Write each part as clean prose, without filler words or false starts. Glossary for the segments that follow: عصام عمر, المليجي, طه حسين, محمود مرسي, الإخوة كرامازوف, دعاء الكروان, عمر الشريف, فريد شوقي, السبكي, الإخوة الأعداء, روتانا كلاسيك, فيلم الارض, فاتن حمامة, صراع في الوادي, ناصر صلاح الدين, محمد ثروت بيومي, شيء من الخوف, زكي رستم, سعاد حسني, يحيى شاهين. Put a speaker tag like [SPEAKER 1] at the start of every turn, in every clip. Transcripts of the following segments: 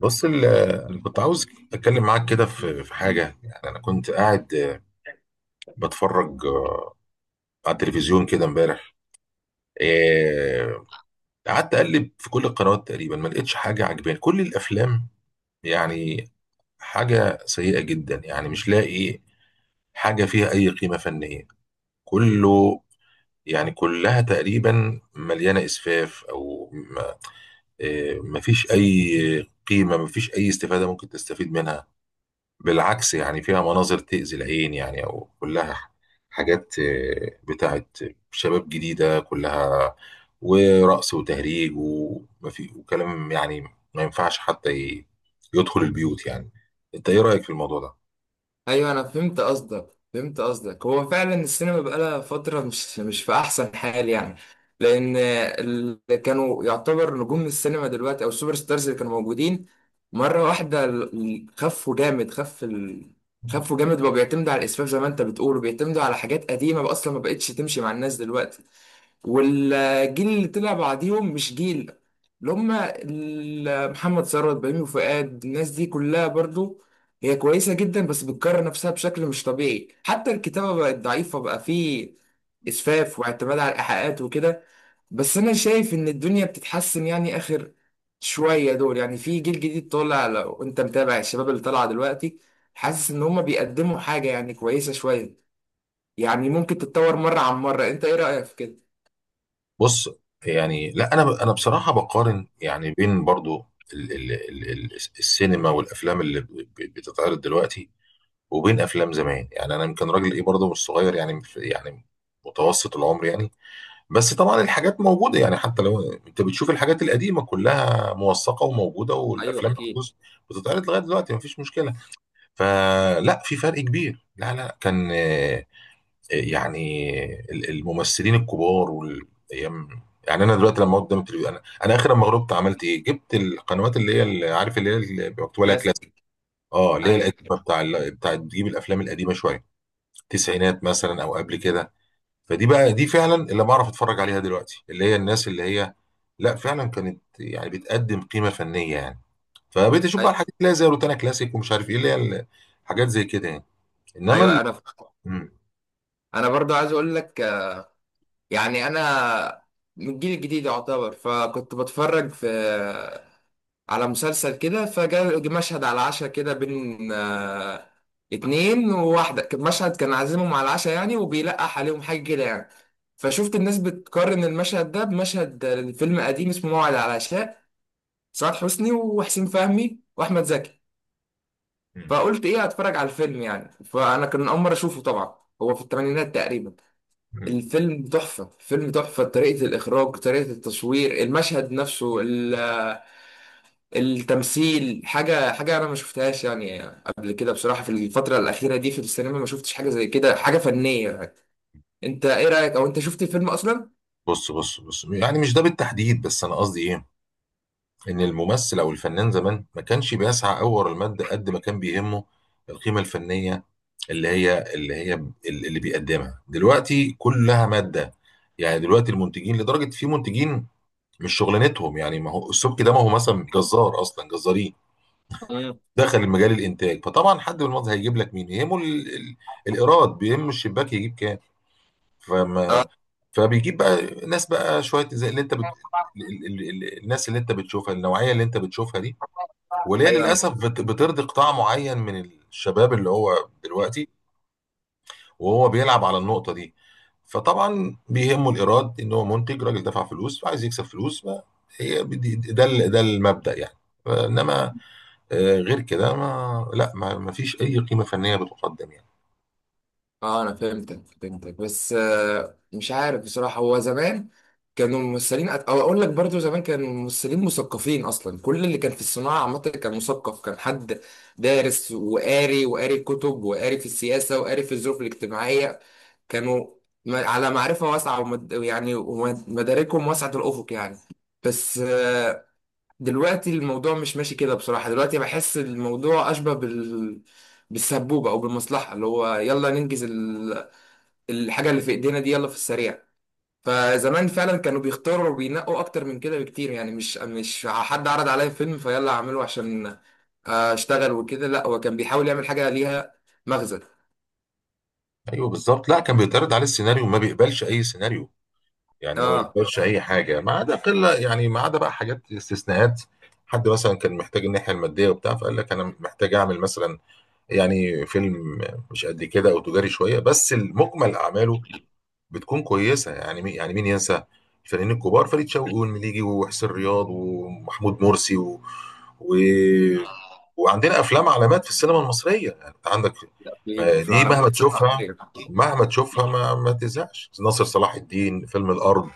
[SPEAKER 1] بص انا كنت عاوز اتكلم معاك كده في حاجه، يعني انا كنت قاعد بتفرج على التلفزيون كده امبارح. إيه، قعدت اقلب في كل القنوات تقريبا، ما لقيتش حاجه عجباني. كل الافلام يعني حاجه سيئه جدا، يعني مش لاقي حاجه فيها اي قيمه فنيه. كله يعني كلها تقريبا مليانه اسفاف او ما ما فيش اي قيمه، ما فيش اي استفاده ممكن تستفيد منها. بالعكس يعني فيها مناظر تأذي العين، يعني أو كلها حاجات بتاعت شباب جديدة، كلها ورقص وتهريج ومفي وكلام، يعني ما ينفعش حتى يدخل البيوت يعني. أنت إيه رأيك في الموضوع ده؟
[SPEAKER 2] ايوه، انا فهمت قصدك فهمت قصدك. هو فعلا السينما بقالها فتره مش في احسن حال يعني. لان اللي كانوا يعتبر نجوم السينما دلوقتي او السوبر ستارز اللي كانوا موجودين مره واحده خفوا جامد خفوا جامد، بقوا بيعتمدوا على الاسفاف زي ما انت بتقول، وبيعتمدوا على حاجات قديمه بقى اصلا ما بقتش تمشي مع الناس دلوقتي. والجيل اللي طلع بعديهم مش جيل، اللي هم محمد ثروت بيومي وفؤاد، الناس دي كلها برضو هي كويسة جدا، بس بتكرر نفسها بشكل مش طبيعي. حتى الكتابة بقت ضعيفة، بقى فيه إسفاف واعتماد على الإيحاءات وكده. بس أنا شايف إن الدنيا بتتحسن يعني آخر شوية دول، يعني في جيل جديد طالع. لو أنت متابع الشباب اللي طالعة دلوقتي، حاسس إن هم بيقدموا حاجة يعني كويسة شوية، يعني ممكن تتطور مرة عن مرة. أنت إيه رأيك في كده؟
[SPEAKER 1] بص يعني، لا أنا أنا بصراحة بقارن يعني بين برضو ال ال ال ال السينما والأفلام اللي بتتعرض دلوقتي، وبين أفلام زمان. يعني أنا يمكن راجل إيه برضو، مش صغير، يعني يعني متوسط العمر يعني. بس طبعا الحاجات موجودة، يعني حتى لو انت بتشوف الحاجات القديمة كلها موثقة وموجودة،
[SPEAKER 2] ايوه
[SPEAKER 1] والافلام
[SPEAKER 2] اكيد.
[SPEAKER 1] بتتعرض لغاية دلوقتي، مفيش مشكلة. فلا في فرق كبير، لا لا كان يعني الممثلين الكبار وال... أيام- يعني انا دلوقتي لما أقعد قدام التلفزيون، انا اخر لما غلبت عملت ايه، جبت القنوات اللي هي اللي عارف اللي هي اللي مكتوب عليها كلاسيك،
[SPEAKER 2] كلاسيك.
[SPEAKER 1] اه اللي هي
[SPEAKER 2] ايوه.
[SPEAKER 1] القديمة بتاع بتاع تجيب الافلام القديمة شوية، التسعينات مثلا او قبل كده. فدي بقى، دي فعلا اللي بعرف اتفرج عليها دلوقتي، اللي هي الناس اللي هي لا فعلا كانت يعني بتقدم قيمه فنيه يعني. فبقيت اشوف بقى الحاجات
[SPEAKER 2] ايوه.
[SPEAKER 1] اللي هي زي روتانا كلاسيك، ومش عارف ايه اللي هي حاجات زي كده يعني، انما ال...
[SPEAKER 2] ايوه، انا
[SPEAKER 1] مم.
[SPEAKER 2] انا برضو عايز اقول لك يعني انا من الجيل الجديد يعتبر، فكنت بتفرج في على مسلسل كده، فجاء مشهد على العشاء كده بين اتنين وواحدة. كان مشهد، كان عازمهم على العشاء يعني، وبيلقح عليهم حاجة كده يعني. فشفت الناس بتقارن المشهد ده بمشهد فيلم قديم اسمه موعد على العشاء، سعاد حسني وحسين فهمي واحمد زكي.
[SPEAKER 1] مم.
[SPEAKER 2] فقلت ايه، هتفرج على الفيلم يعني. فانا كان اول مره اشوفه طبعا. هو في الثمانينات تقريبا.
[SPEAKER 1] مم.
[SPEAKER 2] الفيلم تحفه، فيلم تحفه، طريقه الاخراج، طريقه التصوير، المشهد نفسه، التمثيل، حاجه حاجه انا ما شفتهاش يعني قبل كده بصراحه. في الفتره الاخيره دي في السينما ما شفتش حاجه زي كده، حاجه فنيه يعني. انت ايه رايك، او انت شفت الفيلم اصلا؟
[SPEAKER 1] بص يعني مش ده بالتحديد، بس انا قصدي ايه، ان الممثل او الفنان زمان ما كانش بيسعى قوي ورا المادة قد ما كان بيهمه القيمه الفنيه، اللي بيقدمها دلوقتي كلها ماده يعني. دلوقتي المنتجين لدرجه في منتجين مش شغلانتهم، يعني ما هو السبكي ده، ما هو مثلا جزار، اصلا جزارين
[SPEAKER 2] مم.
[SPEAKER 1] دخل المجال الانتاج. فطبعا حد من المنظر هيجيب لك مين، يهمه الايراد، بيهم الشباك يجيب كام.
[SPEAKER 2] اه.
[SPEAKER 1] فما فبيجيب بقى ناس بقى شويه زي اللي انت الناس اللي انت بتشوفها، النوعيه اللي انت بتشوفها دي، واللي هي
[SPEAKER 2] ايوه. انا.
[SPEAKER 1] للاسف بترضي قطاع معين من الشباب، اللي هو دلوقتي وهو بيلعب على النقطة دي. فطبعا بيهمه الإيراد، إن هو منتج راجل دفع فلوس، فعايز يكسب فلوس. ما هي بدي- ده المبدأ يعني، إنما غير كده، ما لا ما فيش أي قيمة فنية بتقدم يعني.
[SPEAKER 2] اه، انا فهمتك فهمتك. بس مش عارف بصراحة. هو زمان كانوا ممثلين، او اقول لك برضو زمان كانوا ممثلين مثقفين اصلا. كل اللي كان في الصناعة عامة كان مثقف، كان حد دارس وقاري، وقاري كتب، وقاري في السياسة، وقاري في الظروف الاجتماعية. كانوا على معرفة واسعة يعني، ومداركهم واسعة الافق يعني. بس دلوقتي الموضوع مش ماشي كده بصراحة. دلوقتي بحس الموضوع اشبه بال، بالسبوبة او بالمصلحة، اللي هو يلا ننجز الحاجة اللي في ايدينا دي يلا في السريع. فزمان فعلا كانوا بيختاروا وبينقوا اكتر من كده بكتير، يعني مش حد عرض عليا فيلم فيلا اعمله عشان اشتغل وكده. لا، هو كان بيحاول يعمل حاجة ليها مغزى.
[SPEAKER 1] أيوه بالظبط، لا كان بيتعرض عليه السيناريو، ما بيقبلش أي سيناريو يعني، ما
[SPEAKER 2] اه
[SPEAKER 1] بيقبلش أي حاجة ما عدا قلة، يعني ما عدا بقى حاجات استثناءات. حد مثلا كان محتاج الناحية المادية وبتاع، فقال لك أنا محتاج أعمل مثلا يعني فيلم مش قد كده أو تجاري شوية، بس المجمل أعماله بتكون كويسه. يعني مين، يعني مين ينسى الفنانين الكبار، فريد شوقي والمليجي وحسين رياض ومحمود مرسي و... و... وعندنا افلام علامات في السينما المصريه. يعني انت عندك
[SPEAKER 2] اكيد، وفي
[SPEAKER 1] دي
[SPEAKER 2] العربية
[SPEAKER 1] مهما
[SPEAKER 2] بتسقط.
[SPEAKER 1] تشوفها، مهما تشوفها ما تزهقش. ناصر صلاح الدين، فيلم الارض،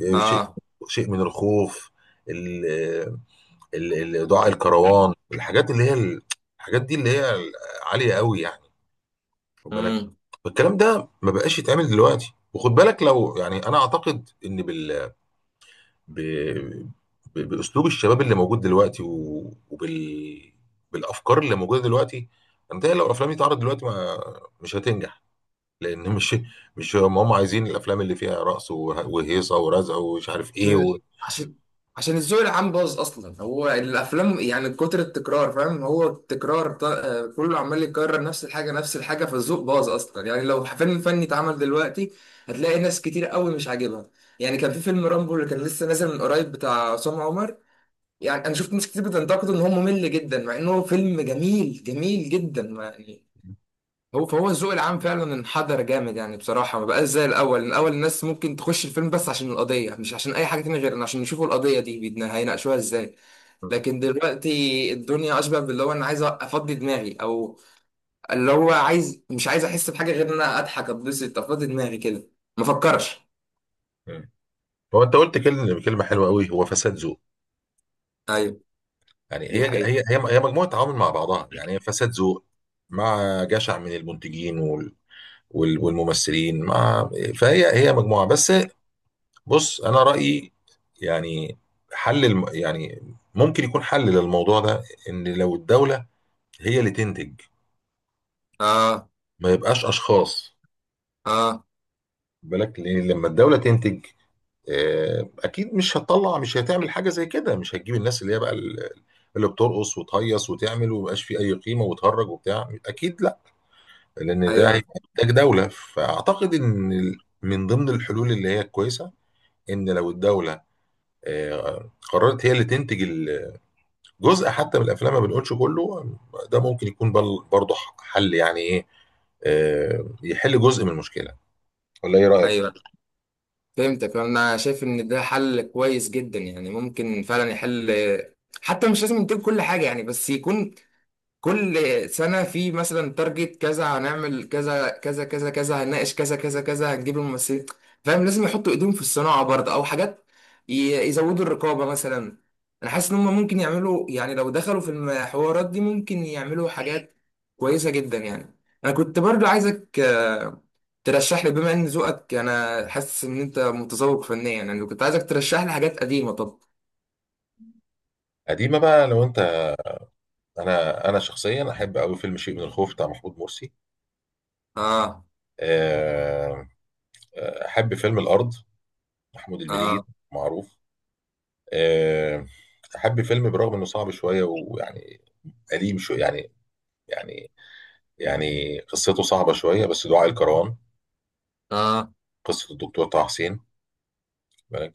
[SPEAKER 1] شيء،
[SPEAKER 2] اه.
[SPEAKER 1] شيء من الخوف، ال... دعاء الكروان. الحاجات اللي هي الحاجات دي اللي هي عاليه قوي يعني. خد بالك
[SPEAKER 2] امم.
[SPEAKER 1] الكلام ده ما بقاش يتعمل دلوقتي، وخد بالك لو يعني انا اعتقد ان ب... باسلوب الشباب اللي موجود دلوقتي و... بالافكار اللي موجوده دلوقتي، انت لو الافلام دي اتعرضت دلوقتي، ما مش هتنجح، لان مش هم عايزين الافلام اللي فيها رقص وهيصه ورزع ومش عارف ايه
[SPEAKER 2] عشان
[SPEAKER 1] و...
[SPEAKER 2] عشان عشان الذوق العام باظ اصلا. هو الافلام يعني كتر التكرار فاهم، هو التكرار كله عمال يكرر نفس الحاجه نفس الحاجه، فالذوق باظ اصلا يعني. لو فيلم فني اتعمل دلوقتي هتلاقي ناس كتير قوي مش عاجبها. يعني كان في فيلم رامبو اللي كان لسه نازل من قريب بتاع عصام عمر، يعني انا شفت ناس كتير بتنتقده ان هو ممل جدا، مع انه فيلم جميل جميل جدا يعني. فهو الذوق العام فعلا انحدر جامد يعني بصراحة. ما بقاش زي الأول. الأول الناس ممكن تخش الفيلم بس عشان القضية، مش عشان أي حاجة تانية غير إن عشان يشوفوا القضية دي بيدنا هيناقشوها إزاي. لكن دلوقتي الدنيا أشبه باللي هو أنا عايز أفضي دماغي، أو اللي هو عايز، مش عايز أحس بحاجة غير إن أنا أضحك أتبسط أفضي دماغي كده، ما أفكرش.
[SPEAKER 1] مم. هو انت قلت كلمه حلوه قوي، هو فساد ذوق.
[SPEAKER 2] أيوه،
[SPEAKER 1] يعني
[SPEAKER 2] دي
[SPEAKER 1] هي
[SPEAKER 2] حقيقة.
[SPEAKER 1] هي هي هي مجموعه عوامل مع بعضها، يعني هي فساد ذوق مع جشع من المنتجين والممثلين، مع فهي هي مجموعة بس. بص أنا رأيي يعني، يعني ممكن يكون حل للموضوع ده، إن لو الدولة هي اللي تنتج،
[SPEAKER 2] آه.
[SPEAKER 1] ما يبقاش أشخاص.
[SPEAKER 2] آه.
[SPEAKER 1] بالك لأن لما الدولة تنتج، أكيد مش هتطلع، مش هتعمل حاجة زي كده، مش هتجيب الناس اللي هي بقى اللي بترقص وتهيص وتعمل ومبقاش فيه أي قيمة وتهرج وبتاع، أكيد لا، لأن ده
[SPEAKER 2] أيوه.
[SPEAKER 1] هيبقى إنتاج دولة. فأعتقد إن من ضمن الحلول اللي هي كويسة، إن لو الدولة قررت هي اللي تنتج الجزء حتى من الافلام، ما بنقولش كله. ده ممكن يكون برضه حل، يعني ايه، يحل جزء من المشكله، ولا ايه رايك؟
[SPEAKER 2] أيوه، فهمتك. أنا شايف إن ده حل كويس جدا، يعني ممكن فعلا يحل. حتى مش لازم ينتج كل حاجة يعني، بس يكون كل سنة في مثلا تارجت كذا، هنعمل كذا كذا كذا كذا، هنناقش كذا كذا كذا، هنجيب الممثلين فاهم. لازم يحطوا ايديهم في الصناعة برضه، او حاجات، ي- يزودوا الرقابة مثلا. انا حاسس ان هم ممكن يعملوا، يعني لو دخلوا في الحوارات دي ممكن يعملوا حاجات كويسة جدا يعني. انا كنت برضه عايزك ترشح لي، بما ان ذوقك، انا حاسس ان انت متذوق فنيا يعني. كنت عايزك ترشح لي حاجات قديمة. طب.
[SPEAKER 1] قديمه بقى لو انت، انا شخصيا احب قوي فيلم شيء من الخوف بتاع محمود مرسي.
[SPEAKER 2] اه.
[SPEAKER 1] آه، احب فيلم الارض، محمود المليجي،
[SPEAKER 2] اه.
[SPEAKER 1] معروف. آه، احب فيلم برغم انه صعب شويه ويعني قديم شويه يعني، يعني يعني قصته صعبه شويه، بس دعاء الكروان،
[SPEAKER 2] اه.
[SPEAKER 1] قصه الدكتور طه حسين.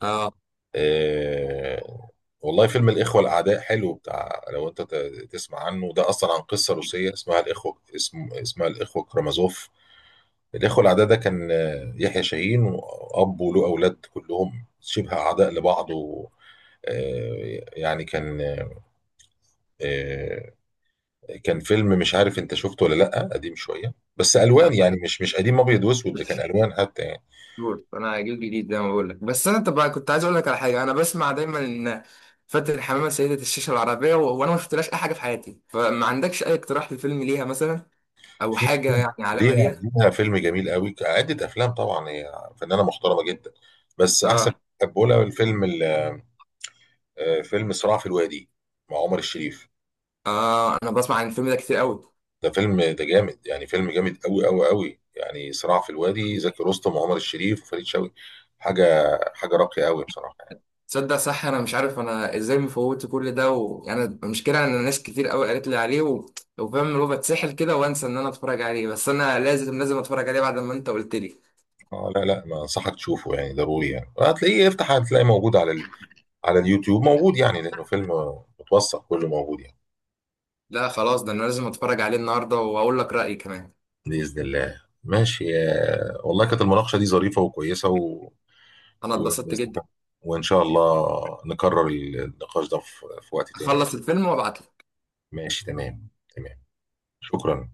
[SPEAKER 2] اه.
[SPEAKER 1] آه والله، فيلم الإخوة الأعداء حلو، بتاع لو أنت تسمع عنه، ده أصلا عن قصة روسية اسمها الإخوة، اسمها الإخوة كرامازوف. الإخوة الأعداء ده كان يحيى شاهين، وأب وله أولاد كلهم شبه أعداء لبعض، و يعني كان آه، كان فيلم، مش عارف انت شفته ولا لا، قديم شويه بس الوان،
[SPEAKER 2] لا.
[SPEAKER 1] يعني مش مش قديم ابيض واسود، ده كان الوان حتى يعني.
[SPEAKER 2] بورد انا هجيب جديد زي ما بقول لك. بس انا طب كنت عايز اقول لك على حاجه. انا بسمع دايما ان فاتن حمامه سيده الشاشه العربيه وانا ما شفتلهاش اي حاجه في حياتي. فما عندكش اي اقتراح لفيلم ليها مثلا، او
[SPEAKER 1] في
[SPEAKER 2] حاجه يعني علامه
[SPEAKER 1] ليها،
[SPEAKER 2] ليها؟
[SPEAKER 1] ليها فيلم جميل قوي، عدة افلام طبعا، هي فنانه محترمه جدا. بس احسن
[SPEAKER 2] اه.
[SPEAKER 1] بحبه لها الفيلم فيلم صراع في الوادي مع عمر الشريف.
[SPEAKER 2] اه. انا بسمع عن الفيلم ده كتير قوي.
[SPEAKER 1] ده فيلم، ده جامد يعني، فيلم جامد قوي قوي قوي يعني. صراع في الوادي، زكي رستم وعمر الشريف وفريد شوقي، حاجه حاجه راقيه قوي بصراحه يعني.
[SPEAKER 2] تصدق صح، انا مش عارف انا ازاي مفوت كل ده، ويعني المشكله ان ناس كتير قوي قالت لي عليه وفاهم اللي هو بتسحل كده وانسى ان انا اتفرج عليه. بس انا لازم لازم اتفرج عليه بعد ما انت قلت لي.
[SPEAKER 1] اه لا لا، ما انصحك تشوفه يعني ضروري، يعني هتلاقيه، افتح هتلاقيه موجود على ال... على اليوتيوب موجود، يعني لانه فيلم متوثق، كله موجود يعني.
[SPEAKER 2] لا خلاص، ده انا لازم اتفرج عليه النهارده واقول لك رايي كمان.
[SPEAKER 1] بإذن الله، ماشي والله كانت المناقشة دي ظريفة وكويسة و...
[SPEAKER 2] انا
[SPEAKER 1] و...
[SPEAKER 2] اتبسطت جدا.
[SPEAKER 1] وإن شاء الله نكرر النقاش ده في في وقت تاني، بإذن
[SPEAKER 2] اخلص الفيلم وابعت.
[SPEAKER 1] الله. ماشي، تمام، تمام، شكرا.